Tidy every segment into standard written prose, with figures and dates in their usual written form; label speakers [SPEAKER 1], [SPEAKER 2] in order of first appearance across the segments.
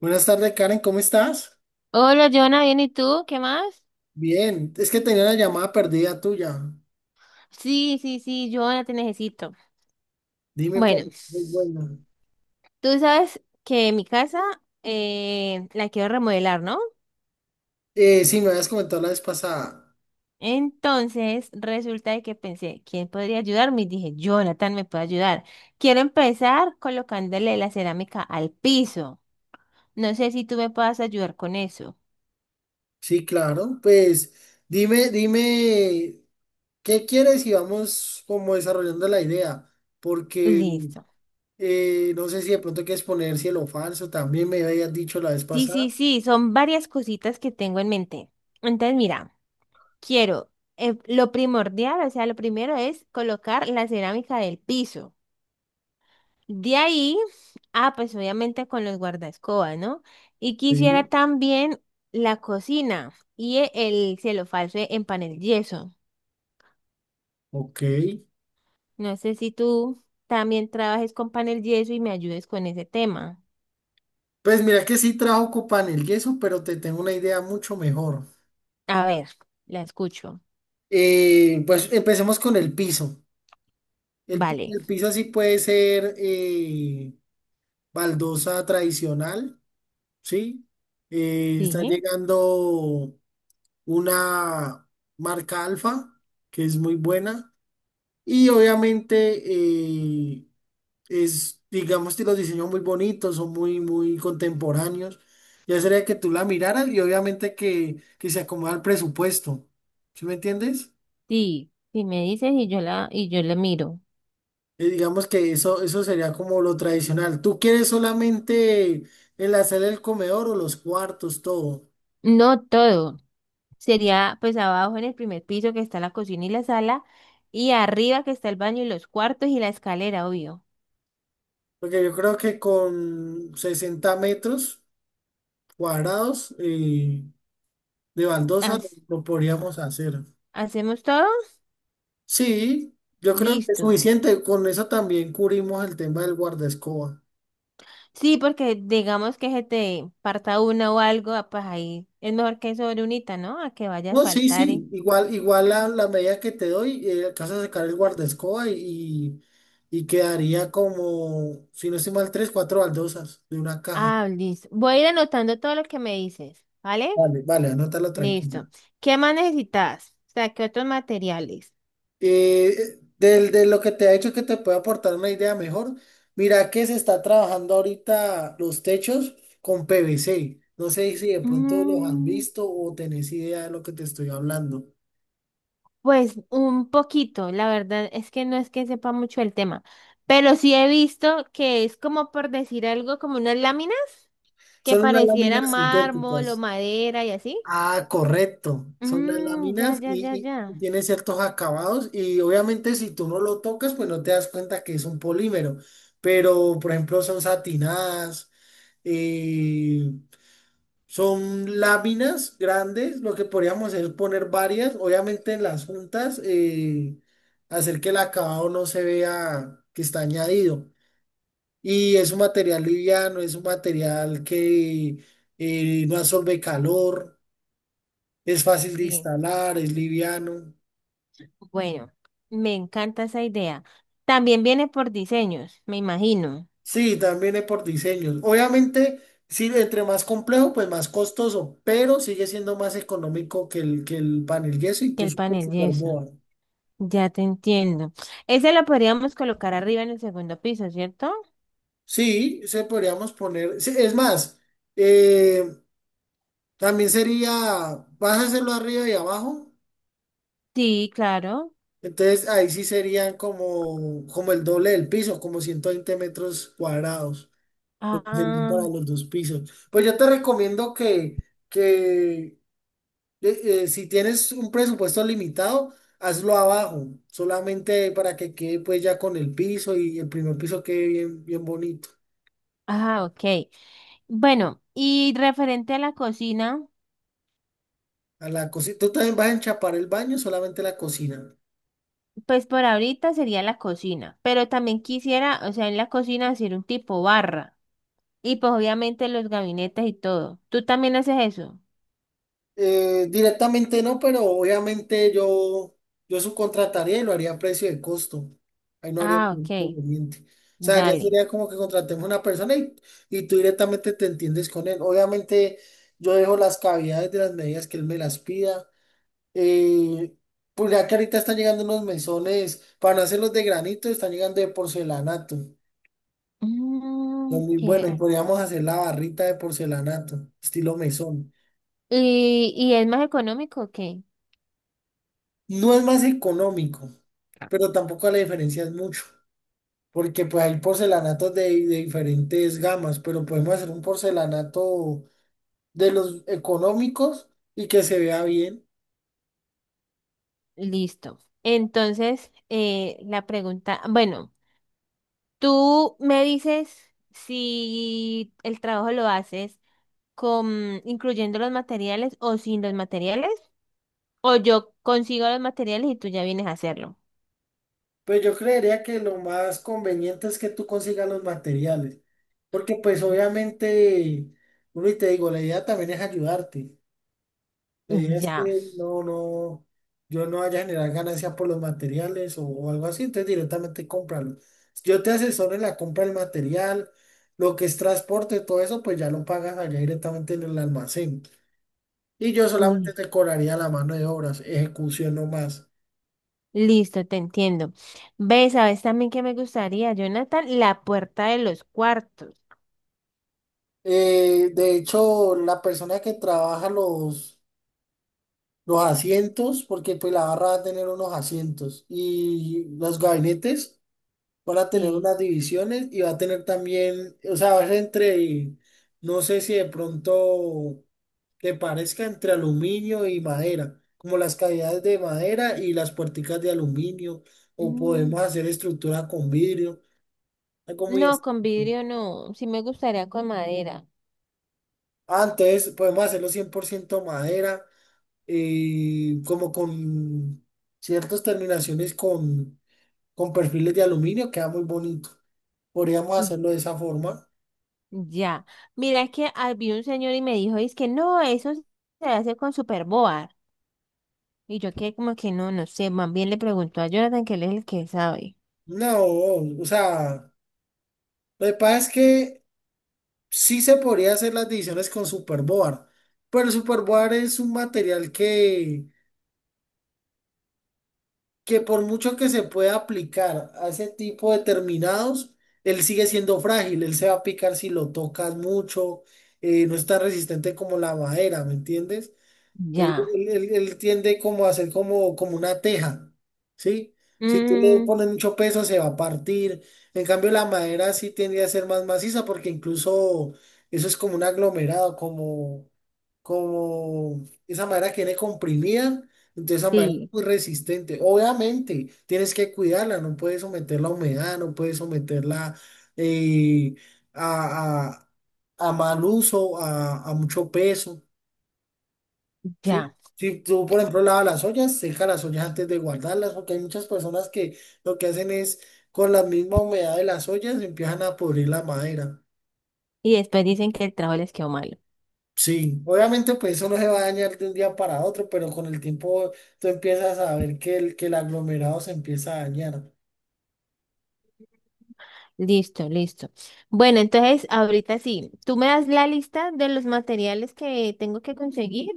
[SPEAKER 1] Buenas tardes, Karen, ¿cómo estás?
[SPEAKER 2] Hola, Jonah, ¿bien y tú? ¿Qué más?
[SPEAKER 1] Bien, es que tenía una llamada perdida tuya.
[SPEAKER 2] Sí, sí, sí, Jonah, te necesito.
[SPEAKER 1] Dime, por
[SPEAKER 2] Bueno,
[SPEAKER 1] muy buena.
[SPEAKER 2] tú sabes que mi casa la quiero remodelar, ¿no?
[SPEAKER 1] Sí, me habías comentado la vez pasada.
[SPEAKER 2] Entonces, resulta de que pensé, ¿quién podría ayudarme? Y dije, Jonathan me puede ayudar. Quiero empezar colocándole la cerámica al piso. No sé si tú me puedas ayudar con eso.
[SPEAKER 1] Sí, claro, pues dime, ¿qué quieres? Y vamos como desarrollando la idea, porque
[SPEAKER 2] Listo.
[SPEAKER 1] no sé si de pronto quieres poner cielo falso, también me habías dicho la vez
[SPEAKER 2] Sí, sí,
[SPEAKER 1] pasada.
[SPEAKER 2] sí, son varias cositas que tengo en mente. Entonces, mira. Quiero, lo primordial, o sea, lo primero es colocar la cerámica del piso. De ahí, ah, pues obviamente con los guardaescobas, ¿no? Y quisiera
[SPEAKER 1] Sí.
[SPEAKER 2] también la cocina y el cielo falso en panel yeso.
[SPEAKER 1] Ok.
[SPEAKER 2] No sé si tú también trabajes con panel yeso y me ayudes con ese tema.
[SPEAKER 1] Pues mira que sí trajo copa en el yeso, pero te tengo una idea mucho mejor.
[SPEAKER 2] A ver, la escucho.
[SPEAKER 1] Pues empecemos con el piso. El, pi-
[SPEAKER 2] Vale.
[SPEAKER 1] el piso así puede ser baldosa tradicional, ¿sí? Está
[SPEAKER 2] Sí,
[SPEAKER 1] llegando una marca Alfa, que es muy buena. Y obviamente es, digamos que los diseños muy bonitos, son muy, muy contemporáneos. Ya sería que tú la miraras y obviamente que se acomoda al presupuesto. ¿Sí me entiendes?
[SPEAKER 2] sí, sí me dices y y yo la miro.
[SPEAKER 1] Digamos que eso sería como lo tradicional. ¿Tú quieres solamente enlazar el comedor o los cuartos, todo?
[SPEAKER 2] No todo. Sería pues abajo en el primer piso que está la cocina y la sala y arriba que está el baño y los cuartos y la escalera, obvio.
[SPEAKER 1] Porque yo creo que con 60 metros cuadrados de baldosa lo
[SPEAKER 2] Haz-
[SPEAKER 1] lo podríamos hacer.
[SPEAKER 2] ¿Hacemos todo?
[SPEAKER 1] Sí, yo creo que es
[SPEAKER 2] Listo.
[SPEAKER 1] suficiente. Con eso también cubrimos el tema del guardaescoba.
[SPEAKER 2] Sí, porque digamos que se te parta una o algo, ah, pues ahí es mejor que sobre unita, ¿no? A que vaya a
[SPEAKER 1] No, sí,
[SPEAKER 2] faltar. Y-
[SPEAKER 1] sí, igual, igual la medida que te doy, alcanzas a sacar el guardaescoba y, y quedaría como, si no estoy mal, tres, cuatro baldosas de una caja.
[SPEAKER 2] Ah, listo. Voy a ir anotando todo lo que me dices, ¿vale?
[SPEAKER 1] Vale, vale, anótala
[SPEAKER 2] Listo.
[SPEAKER 1] tranquila.
[SPEAKER 2] ¿Qué más necesitas? O sea, ¿qué otros materiales?
[SPEAKER 1] De, lo que te ha hecho que te puede aportar una idea mejor, mira que se está trabajando ahorita los techos con PVC. No sé si de pronto los has
[SPEAKER 2] Mm.
[SPEAKER 1] visto o tenés idea de lo que te estoy hablando.
[SPEAKER 2] Pues un poquito, la verdad es que no es que sepa mucho el tema, pero sí he visto que es como por decir algo, como unas láminas que
[SPEAKER 1] Son unas
[SPEAKER 2] pareciera
[SPEAKER 1] láminas
[SPEAKER 2] mármol o
[SPEAKER 1] sintéticas.
[SPEAKER 2] madera y así.
[SPEAKER 1] Ah, correcto. Son las
[SPEAKER 2] Mm, ya,
[SPEAKER 1] láminas
[SPEAKER 2] ya, ya,
[SPEAKER 1] y,
[SPEAKER 2] ya.
[SPEAKER 1] tiene ciertos acabados y obviamente si tú no lo tocas, pues no te das cuenta que es un polímero. Pero, por ejemplo, son satinadas, eh, son láminas grandes. Lo que podríamos hacer es poner varias, obviamente en las juntas, hacer que el acabado no se vea que está añadido. Y es un material liviano, es un material que no absorbe calor. Es fácil de
[SPEAKER 2] Sí,
[SPEAKER 1] instalar, es liviano.
[SPEAKER 2] bueno, me encanta esa idea. También viene por diseños, me imagino,
[SPEAKER 1] Sí, también es por diseños. Obviamente, sí, entre más complejo, pues más costoso, pero sigue siendo más económico que el panel yeso,
[SPEAKER 2] que el
[SPEAKER 1] incluso que el
[SPEAKER 2] panel y eso.
[SPEAKER 1] Superboa.
[SPEAKER 2] Ya te entiendo. Ese lo podríamos colocar arriba en el segundo piso, ¿cierto?
[SPEAKER 1] Sí, se podríamos poner. Sí, es más, eh, también sería, vas a hacerlo arriba y abajo.
[SPEAKER 2] Sí, claro.
[SPEAKER 1] Entonces ahí sí serían como, como el doble del piso, como 120 metros cuadrados, porque serían para
[SPEAKER 2] Ah.
[SPEAKER 1] los dos pisos. Pues yo te recomiendo que que si tienes un presupuesto limitado, hazlo abajo, solamente para que quede pues ya con el piso y el primer piso quede bien, bien bonito.
[SPEAKER 2] Ah, ok. Bueno, y referente a la cocina,
[SPEAKER 1] A la cocina. Tú también vas a enchapar el baño, solamente la cocina.
[SPEAKER 2] pues por ahorita sería la cocina, pero también quisiera, o sea, en la cocina hacer un tipo barra y pues obviamente los gabinetes y todo. ¿Tú también haces eso?
[SPEAKER 1] Directamente no, pero obviamente yo subcontrataría y lo haría a precio de costo. Ahí no haría
[SPEAKER 2] Ah,
[SPEAKER 1] ningún
[SPEAKER 2] ok.
[SPEAKER 1] inconveniente. O sea, ya
[SPEAKER 2] Dale.
[SPEAKER 1] sería como que contratemos una persona y, tú directamente te entiendes con él. Obviamente yo dejo las cavidades de las medidas que él me las pida. Eh, pues ya que ahorita están llegando unos mesones, para hacer los de granito, están llegando de porcelanato.
[SPEAKER 2] Mm,
[SPEAKER 1] Son muy buenos, y
[SPEAKER 2] chévere.
[SPEAKER 1] podríamos hacer la barrita de porcelanato, estilo mesón.
[SPEAKER 2] Y es más económico o qué?
[SPEAKER 1] No es más económico, pero tampoco la diferencia es mucho, porque pues hay porcelanatos de diferentes gamas, pero podemos hacer un porcelanato de los económicos y que se vea bien.
[SPEAKER 2] Listo. Entonces, la pregunta, bueno, tú me dices si el trabajo lo haces, con, incluyendo los materiales o sin los materiales, o yo consigo los materiales y tú ya vienes a hacerlo.
[SPEAKER 1] Pues yo creería que lo más conveniente es que tú consigas los materiales, porque pues obviamente, uno y te digo, la idea también es ayudarte. La idea es
[SPEAKER 2] Ya.
[SPEAKER 1] que no, no, yo no vaya a generar ganancia por los materiales o algo así, entonces directamente cómpralo. Yo te asesoro en la compra del material, lo que es transporte, todo eso, pues ya lo pagas allá directamente en el almacén. Y yo solamente
[SPEAKER 2] Li-
[SPEAKER 1] te cobraría la mano de obras, ejecución no más.
[SPEAKER 2] Listo, te entiendo. ¿Ves? ¿Sabes también que me gustaría, Jonathan? La puerta de los cuartos.
[SPEAKER 1] De hecho, la persona que trabaja los asientos, porque pues la barra va a tener unos asientos y los gabinetes van a tener
[SPEAKER 2] Sí.
[SPEAKER 1] unas divisiones y va a tener también, o sea, va a ser entre, no sé si de pronto que parezca entre aluminio y madera, como las cavidades de madera y las puerticas de aluminio, o
[SPEAKER 2] Mm.
[SPEAKER 1] podemos hacer estructura con vidrio, algo muy...
[SPEAKER 2] No, con
[SPEAKER 1] estricto.
[SPEAKER 2] vidrio no. Sí me gustaría con madera.
[SPEAKER 1] Ah, entonces podemos hacerlo 100% madera como con ciertas terminaciones con perfiles de aluminio, queda muy bonito. Podríamos
[SPEAKER 2] Mm.
[SPEAKER 1] hacerlo de esa forma.
[SPEAKER 2] Ya. Mira que había un señor y me dijo, es que no, eso se hace con superboard. Y yo que como que no, no sé. Más bien le preguntó a Jonathan que él es el que sabe.
[SPEAKER 1] No, o sea, lo que pasa es que sí se podría hacer las divisiones con Superboard, pero el Superboard es un material que por mucho que se pueda aplicar a ese tipo de terminados, él sigue siendo frágil, él se va a picar si lo tocas mucho, no es tan resistente como la madera, ¿me entiendes? Él,
[SPEAKER 2] Ya.
[SPEAKER 1] él- él- él tiende como a ser como, como una teja, ¿sí? Si tú le
[SPEAKER 2] Mm,
[SPEAKER 1] pones mucho peso se va a partir. En cambio la madera sí tendría a ser más maciza porque incluso eso es como un aglomerado, como, como esa madera que viene comprimida, entonces esa madera es
[SPEAKER 2] sí,
[SPEAKER 1] muy resistente. Obviamente tienes que cuidarla, no puedes someterla a humedad, no puedes someterla eh, a, a mal uso, a mucho peso. Sí,
[SPEAKER 2] ya.
[SPEAKER 1] si tú, por ejemplo, lavas las ollas, seca las ollas antes de guardarlas, porque hay muchas personas que lo que hacen es con la misma humedad de las ollas empiezan a pudrir la madera.
[SPEAKER 2] Y después dicen que el trabajo les quedó malo.
[SPEAKER 1] Sí, obviamente pues eso no se va a dañar de un día para otro, pero con el tiempo tú empiezas a ver que el aglomerado se empieza a dañar.
[SPEAKER 2] Listo, listo. Bueno, entonces ahorita sí, tú me das la lista de los materiales que tengo que conseguir.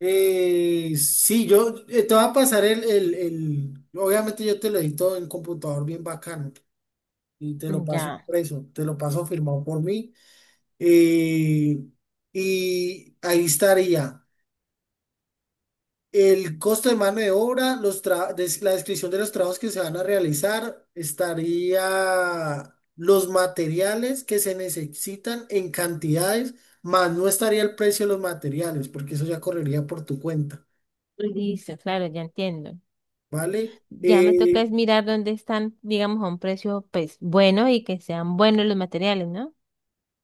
[SPEAKER 1] Sí, yo te voy a pasar el, obviamente yo te lo edito en computador bien bacano y te lo paso
[SPEAKER 2] Ya.
[SPEAKER 1] impreso, te lo paso firmado por mí. Eh, y ahí estaría el costo de mano de obra, la descripción de los trabajos que se van a realizar, estaría los materiales que se necesitan en cantidades, más no estaría el precio de los materiales, porque eso ya correría por tu cuenta,
[SPEAKER 2] Listo, claro, ya entiendo.
[SPEAKER 1] ¿vale?
[SPEAKER 2] Ya me toca es mirar dónde están, digamos, a un precio, pues, bueno y que sean buenos los materiales, ¿no?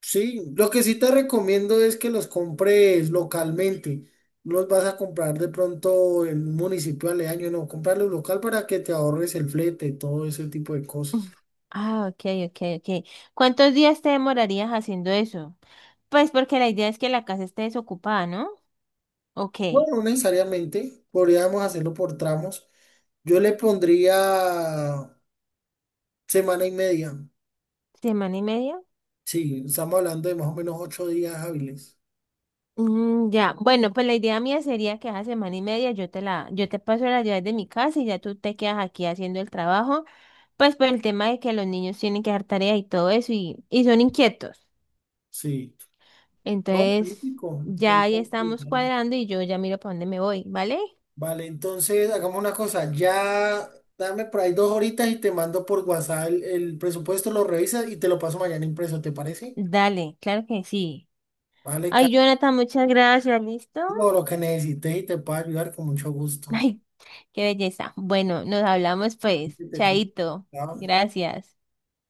[SPEAKER 1] Sí, lo que sí te recomiendo es que los compres localmente. No los vas a comprar de pronto en un municipio aledaño, no, comprarlos local para que te ahorres el flete, todo ese tipo de cosas.
[SPEAKER 2] Uf. Ah, ok, ok, ok. ¿Cuántos días te demorarías haciendo eso? Pues porque la idea es que la casa esté desocupada, ¿no? Ok.
[SPEAKER 1] Bueno, no necesariamente, podríamos hacerlo por tramos. Yo le pondría semana y media.
[SPEAKER 2] ¿Semana y media?
[SPEAKER 1] Sí, estamos hablando de más o menos 8 días hábiles.
[SPEAKER 2] Mm, ya, bueno, pues la idea mía sería que hace semana y media yo te paso las llaves de mi casa y ya tú te quedas aquí haciendo el trabajo, pues por el tema de que los niños tienen que hacer tareas y todo eso y son inquietos.
[SPEAKER 1] Sí. No,
[SPEAKER 2] Entonces,
[SPEAKER 1] magnífico.
[SPEAKER 2] ya ahí estamos cuadrando y yo ya miro para dónde me voy, ¿vale?
[SPEAKER 1] Vale, entonces hagamos una cosa. Ya dame por ahí 2 horitas y te mando por WhatsApp el presupuesto, lo revisas y te lo paso mañana impreso, ¿te parece?
[SPEAKER 2] Dale, claro que sí.
[SPEAKER 1] Vale,
[SPEAKER 2] Ay,
[SPEAKER 1] Carlos,
[SPEAKER 2] Jonathan, muchas gracias, ¿listo?
[SPEAKER 1] lo que necesites y te puedo ayudar con mucho gusto.
[SPEAKER 2] Ay, qué belleza. Bueno, nos hablamos pues, chaito,
[SPEAKER 1] Chao.
[SPEAKER 2] gracias.